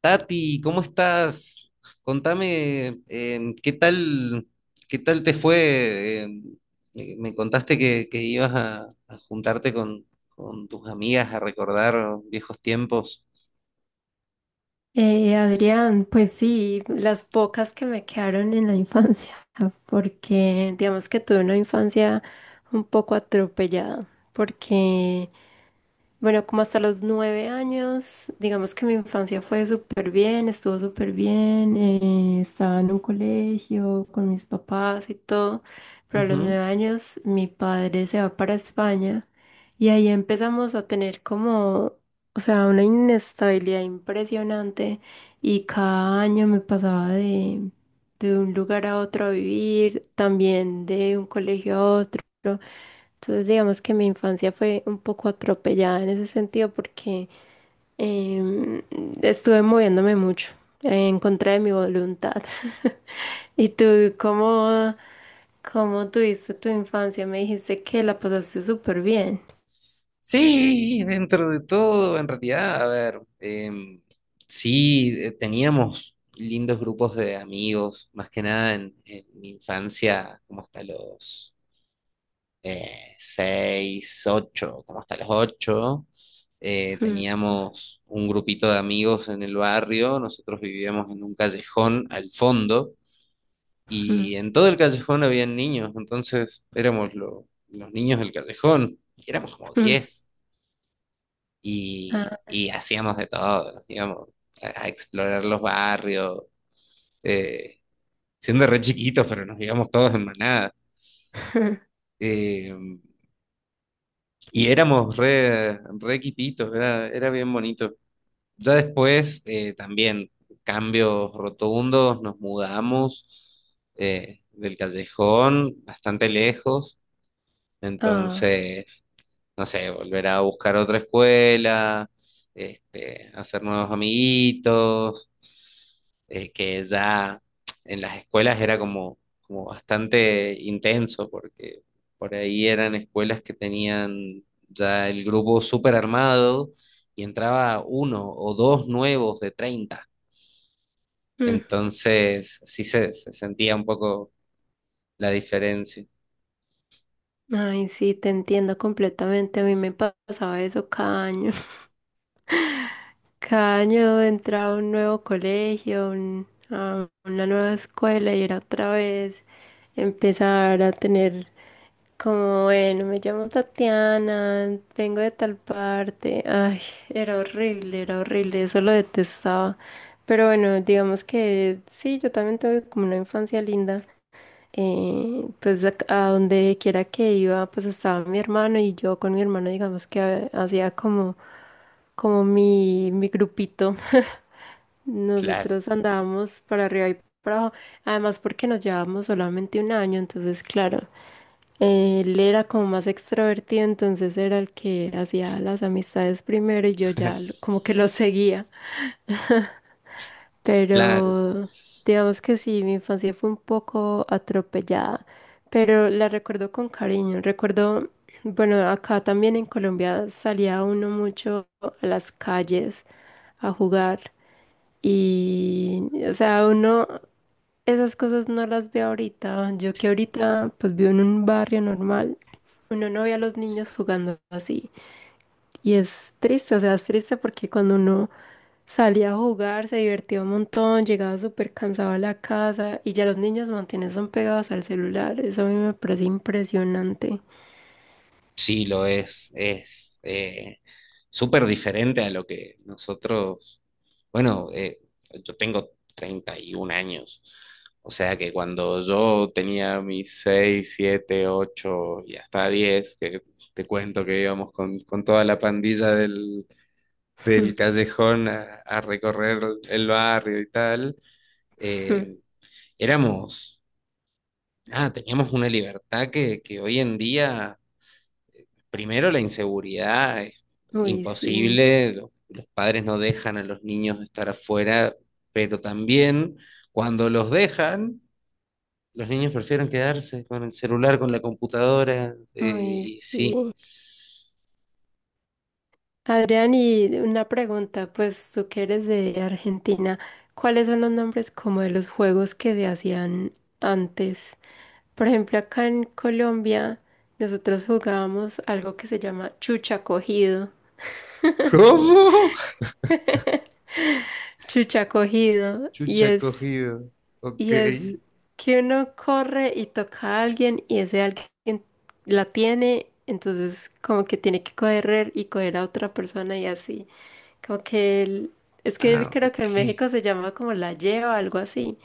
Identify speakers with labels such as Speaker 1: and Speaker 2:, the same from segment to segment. Speaker 1: Tati, ¿cómo estás? Contame, qué tal te fue? Me contaste que ibas a juntarte con tus amigas a recordar viejos tiempos.
Speaker 2: Adrián, pues sí, las pocas que me quedaron en la infancia, porque digamos que tuve una infancia un poco atropellada, porque bueno, como hasta los 9 años, digamos que mi infancia fue súper bien, estuvo súper bien, estaba en un colegio con mis papás y todo, pero a los
Speaker 1: Ujú.
Speaker 2: 9 años mi padre se va para España y ahí empezamos a tener como, o sea, una inestabilidad impresionante y cada año me pasaba de un lugar a otro a vivir, también de un colegio a otro. Entonces, digamos que mi infancia fue un poco atropellada en ese sentido porque em, estuve moviéndome mucho en contra de mi voluntad. ¿Y tú cómo, cómo tuviste tu infancia? Me dijiste que la pasaste súper bien.
Speaker 1: Sí, dentro de todo, en realidad, a ver, sí, teníamos lindos grupos de amigos, más que nada en, en mi infancia, como hasta los seis, ocho, como hasta las ocho. Eh, teníamos un grupito de amigos en el barrio, nosotros vivíamos en un callejón al fondo
Speaker 2: Mm,
Speaker 1: y
Speaker 2: mm,
Speaker 1: en todo el callejón habían niños, entonces éramos los niños del callejón, y éramos como
Speaker 2: mm.
Speaker 1: 10 y,
Speaker 2: Ah,
Speaker 1: y hacíamos de todo, nos íbamos a explorar los barrios, eh, siendo re chiquitos, pero nos íbamos todos en manada. Eh, Y éramos re equipitos, era bien bonito. Ya después, también, cambios rotundos, nos mudamos del callejón bastante lejos,
Speaker 2: ah,
Speaker 1: entonces, no sé, volver a buscar otra escuela, este, hacer nuevos amiguitos, que ya en las escuelas era como, como bastante intenso, porque por ahí eran escuelas que tenían ya el grupo súper armado y entraba uno o dos nuevos de 30.
Speaker 2: mm.
Speaker 1: Entonces sí se sentía un poco la diferencia.
Speaker 2: Ay, sí, te entiendo completamente. A mí me pasaba eso cada año. Cada año entraba a un nuevo colegio, a una nueva escuela y era otra vez empezar a tener como, bueno, me llamo Tatiana, vengo de tal parte. Ay, era horrible, eso lo detestaba. Pero bueno, digamos que sí, yo también tuve como una infancia linda pues a donde quiera que iba, pues estaba mi hermano y yo con mi hermano, digamos que hacía como, como mi grupito.
Speaker 1: Claro,
Speaker 2: Nosotros andábamos para arriba y para abajo, además porque nos llevábamos solamente un año, entonces claro, él era como más extrovertido, entonces era el que hacía las amistades primero y yo ya como que lo seguía.
Speaker 1: claro.
Speaker 2: Pero digamos que sí, mi infancia fue un poco atropellada, pero la recuerdo con cariño. Recuerdo, bueno, acá también en Colombia salía uno mucho a las calles a jugar y, o sea, uno, esas cosas no las ve ahorita. Yo que ahorita pues vivo en un barrio normal, uno no ve a los niños jugando así. Y es triste, o sea, es triste porque cuando uno salía a jugar se divertía un montón, llegaba súper cansado a la casa y ya los niños mantienen son pegados al celular. Eso a mí me parece impresionante.
Speaker 1: Sí, lo es. Es súper diferente a lo que nosotros, bueno, yo tengo 31 años, o sea que cuando yo tenía mis 6, 7, 8, y hasta 10, que te cuento que íbamos con toda la pandilla del callejón a recorrer el barrio y tal, eh, éramos, ah, teníamos una libertad que hoy en día... Primero, la inseguridad es
Speaker 2: Uy, sí,
Speaker 1: imposible, los padres no dejan a los niños estar afuera, pero también cuando los dejan, los niños prefieren quedarse con el celular, con la computadora,
Speaker 2: uy,
Speaker 1: y sí.
Speaker 2: sí. Adrián, y una pregunta, pues tú que eres de Argentina, ¿cuáles son los nombres como de los juegos que se hacían antes? Por ejemplo, acá en Colombia nosotros jugábamos algo que se llama chucha cogido.
Speaker 1: ¿Cómo?
Speaker 2: Chucha cogido
Speaker 1: Chucha cogido. Ok.
Speaker 2: y es que uno corre y toca a alguien y ese alguien la tiene, entonces como que tiene que correr y coger a otra persona y así. Como que es que
Speaker 1: Ah,
Speaker 2: creo que en México
Speaker 1: ok.
Speaker 2: se llama como la lleva, algo así,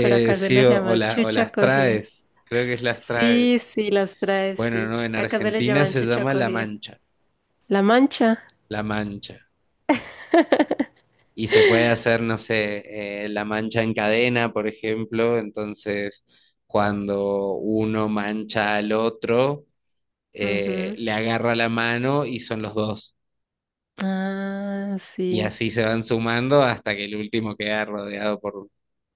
Speaker 2: pero acá se
Speaker 1: Sí,
Speaker 2: la
Speaker 1: o, o
Speaker 2: llama
Speaker 1: la- o
Speaker 2: chucha
Speaker 1: las
Speaker 2: cogida.
Speaker 1: traes. Creo que es las
Speaker 2: Sí,
Speaker 1: traes.
Speaker 2: sí, las trae,
Speaker 1: Bueno,
Speaker 2: sí.
Speaker 1: no, en
Speaker 2: Acá se le
Speaker 1: Argentina
Speaker 2: llaman
Speaker 1: se
Speaker 2: chucha
Speaker 1: llama La
Speaker 2: cogida.
Speaker 1: Mancha.
Speaker 2: La mancha.
Speaker 1: La Mancha. Y se puede hacer, no sé, la mancha en cadena, por ejemplo, entonces cuando uno mancha al otro,
Speaker 2: Ujú.
Speaker 1: le agarra la mano y son los dos.
Speaker 2: Ah,
Speaker 1: Y
Speaker 2: sí.
Speaker 1: así se van sumando hasta que el último queda rodeado por,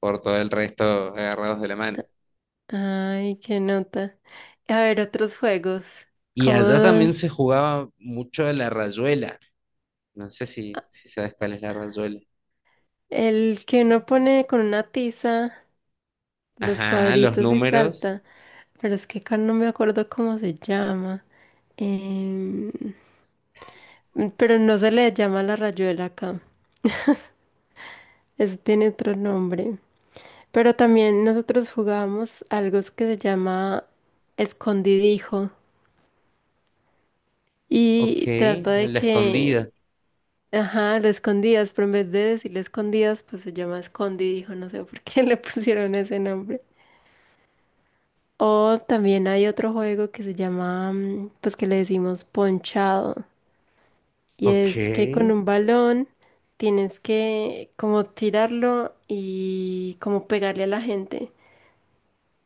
Speaker 1: por todo el resto agarrados de la mano.
Speaker 2: Ay, qué nota. A ver, otros juegos,
Speaker 1: Y
Speaker 2: como
Speaker 1: allá también se jugaba mucho la rayuela. No sé si sabes cuál es la rayuela.
Speaker 2: el que uno pone con una tiza los
Speaker 1: Ajá, los
Speaker 2: cuadritos y
Speaker 1: números.
Speaker 2: salta, pero es que acá no me acuerdo cómo se llama. Em, pero no se le llama la rayuela acá, eso tiene otro nombre. Pero también nosotros jugábamos algo que se llama escondidijo
Speaker 1: Ok,
Speaker 2: y trata de
Speaker 1: la
Speaker 2: que
Speaker 1: escondida.
Speaker 2: ajá, lo escondías, pero en vez de decirle escondías, pues se llama escondi, dijo no sé por qué le pusieron ese nombre. O también hay otro juego que se llama, mm, pues que le decimos ponchado, y
Speaker 1: Ok.
Speaker 2: es que con un balón tienes que como tirarlo y como pegarle a la gente.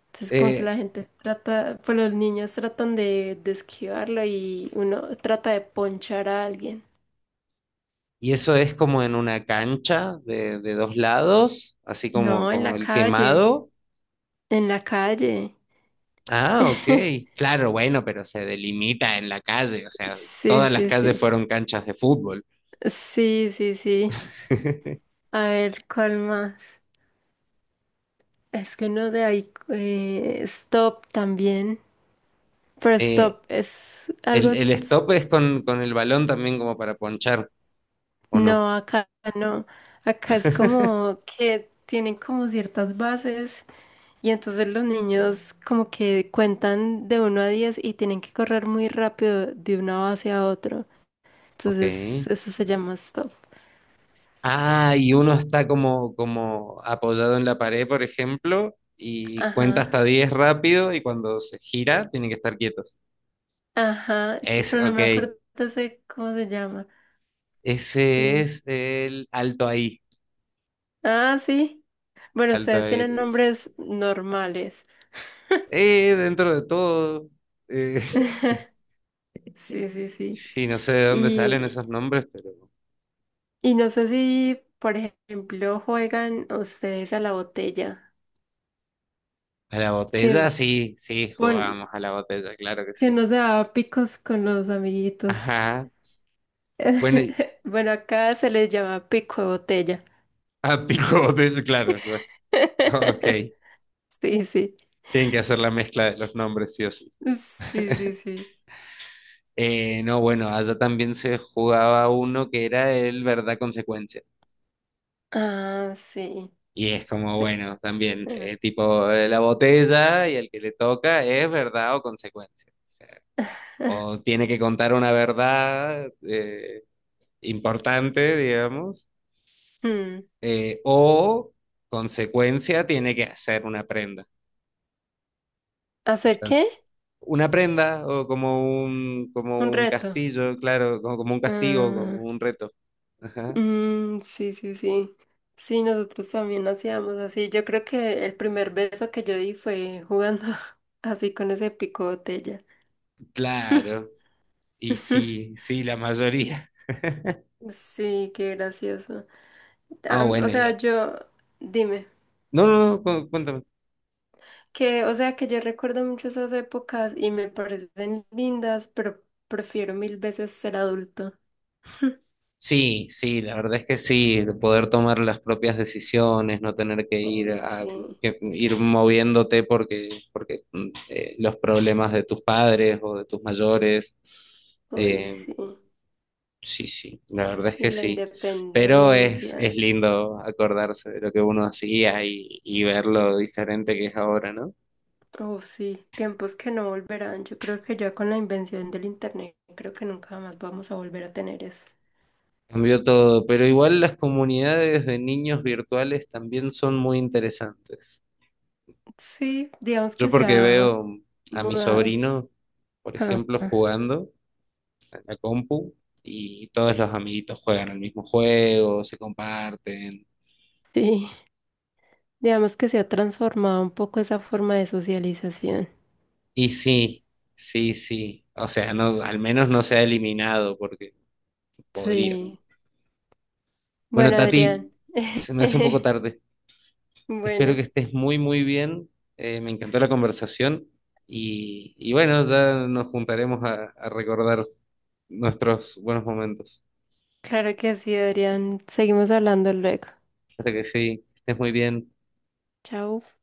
Speaker 2: Entonces como que
Speaker 1: Eh,
Speaker 2: la gente trata, pues los niños tratan de esquivarlo y uno trata de ponchar a alguien.
Speaker 1: Y eso es como en una cancha de dos lados, así como,
Speaker 2: No, en
Speaker 1: como
Speaker 2: la
Speaker 1: el
Speaker 2: calle,
Speaker 1: quemado.
Speaker 2: en la calle.
Speaker 1: Ah, ok. Claro, bueno, pero se delimita en la calle, o sea,
Speaker 2: Sí,
Speaker 1: todas las
Speaker 2: sí,
Speaker 1: calles
Speaker 2: sí.
Speaker 1: fueron canchas de fútbol.
Speaker 2: Sí, sí, sí. A ver, ¿cuál más? Es que no de ahí. Stop también. Pero
Speaker 1: Eh,
Speaker 2: stop es algo.
Speaker 1: el stop es con el balón también como para ponchar, ¿o no?
Speaker 2: No, acá no. Acá es como que tienen como ciertas bases y entonces los niños como que cuentan de 1 a 10 y tienen que correr muy rápido de una base a otra.
Speaker 1: Ok.
Speaker 2: Entonces, eso se llama stop.
Speaker 1: Ah, y uno está como apoyado en la pared, por ejemplo, y cuenta hasta
Speaker 2: Ajá.
Speaker 1: 10 rápido y cuando se gira tienen que estar quietos.
Speaker 2: Ajá. Pero no
Speaker 1: Ok,
Speaker 2: me acuerdo de cómo se llama.
Speaker 1: ese
Speaker 2: Sí.
Speaker 1: es el alto ahí.
Speaker 2: Ah, sí. Bueno,
Speaker 1: Alto
Speaker 2: ustedes
Speaker 1: ahí,
Speaker 2: tienen
Speaker 1: le dicen.
Speaker 2: nombres normales.
Speaker 1: Dentro de todo. eh,
Speaker 2: Sí. Sí, sí, sí.
Speaker 1: sí, no sé de dónde salen
Speaker 2: Y,
Speaker 1: esos nombres, pero.
Speaker 2: y no sé si, por ejemplo, juegan ustedes a la botella,
Speaker 1: A la
Speaker 2: que
Speaker 1: botella,
Speaker 2: es,
Speaker 1: sí, sí,
Speaker 2: bueno,
Speaker 1: jugábamos a la botella, claro que
Speaker 2: que
Speaker 1: sí.
Speaker 2: no se da picos con los amiguitos.
Speaker 1: Ajá. Bueno,
Speaker 2: Bueno, acá se les llama pico de botella.
Speaker 1: a pico botella, claro. Bueno, ok.
Speaker 2: Sí, sí.
Speaker 1: Tienen que hacer la mezcla de los nombres, sí o sí.
Speaker 2: Sí, sí, sí.
Speaker 1: No, bueno, allá también se jugaba uno que era el verdad consecuencia.
Speaker 2: Ah, sí.
Speaker 1: Y es como,
Speaker 2: Ac-
Speaker 1: bueno, también, tipo la botella y el que le toca es verdad o consecuencia. O sea, o tiene que contar una verdad importante, digamos,
Speaker 2: Hmm,
Speaker 1: o consecuencia tiene que hacer una prenda.
Speaker 2: ¿hacer qué?
Speaker 1: Entonces, una prenda o como un,
Speaker 2: Un
Speaker 1: como un
Speaker 2: reto.
Speaker 1: castillo, claro, como un castigo, como
Speaker 2: Ah,
Speaker 1: un reto. Ajá.
Speaker 2: mm, sí, sí, sí. Sí, nosotros también hacíamos así. Yo creo que el primer beso que yo di fue jugando así con ese pico botella.
Speaker 1: Claro, y sí, sí, la mayoría.
Speaker 2: Sí, qué gracioso.
Speaker 1: Ah,
Speaker 2: Am- O
Speaker 1: bueno, ya.
Speaker 2: sea, yo, dime,
Speaker 1: No, no, no, cuéntame.
Speaker 2: que, o sea, que yo recuerdo mucho esas épocas y me parecen lindas, pero prefiero mil veces ser adulto.
Speaker 1: Sí, sí, la verdad es que sí, de poder tomar las propias decisiones, no tener que ir
Speaker 2: Uy, sí,
Speaker 1: moviéndote porque, porque los problemas de tus padres o de tus mayores,
Speaker 2: uy,
Speaker 1: eh,
Speaker 2: sí.
Speaker 1: sí, sí, la verdad es
Speaker 2: Y
Speaker 1: que
Speaker 2: la
Speaker 1: sí. Pero es
Speaker 2: independencia.
Speaker 1: lindo acordarse de lo que uno hacía y ver lo diferente que es ahora, ¿no?
Speaker 2: Oh, sí, tiempos que no volverán. Yo creo que ya con la invención del internet, creo que nunca más vamos a volver a tener eso.
Speaker 1: Cambió todo, pero igual las comunidades de niños virtuales también son muy interesantes.
Speaker 2: Sí, digamos que
Speaker 1: Yo
Speaker 2: se
Speaker 1: porque
Speaker 2: ha
Speaker 1: veo a mi
Speaker 2: mudado.
Speaker 1: sobrino, por
Speaker 2: Ah,
Speaker 1: ejemplo,
Speaker 2: ah,
Speaker 1: jugando en la compu y todos los amiguitos juegan el mismo juego, se comparten.
Speaker 2: sí, digamos que se ha transformado un poco esa forma de socialización.
Speaker 1: Y sí, sí, sí. O sea, no, al menos no se ha eliminado porque podría, ¿no?
Speaker 2: Sí.
Speaker 1: Bueno,
Speaker 2: Bueno, Adrián.
Speaker 1: Tati, se me hace un poco tarde. Espero
Speaker 2: Bueno,
Speaker 1: que estés muy, muy bien. Me encantó la conversación y bueno, ya nos juntaremos a recordar nuestros buenos momentos.
Speaker 2: claro que sí, Adrián. Seguimos hablando luego.
Speaker 1: Hasta que sí, estés muy bien.
Speaker 2: Chao.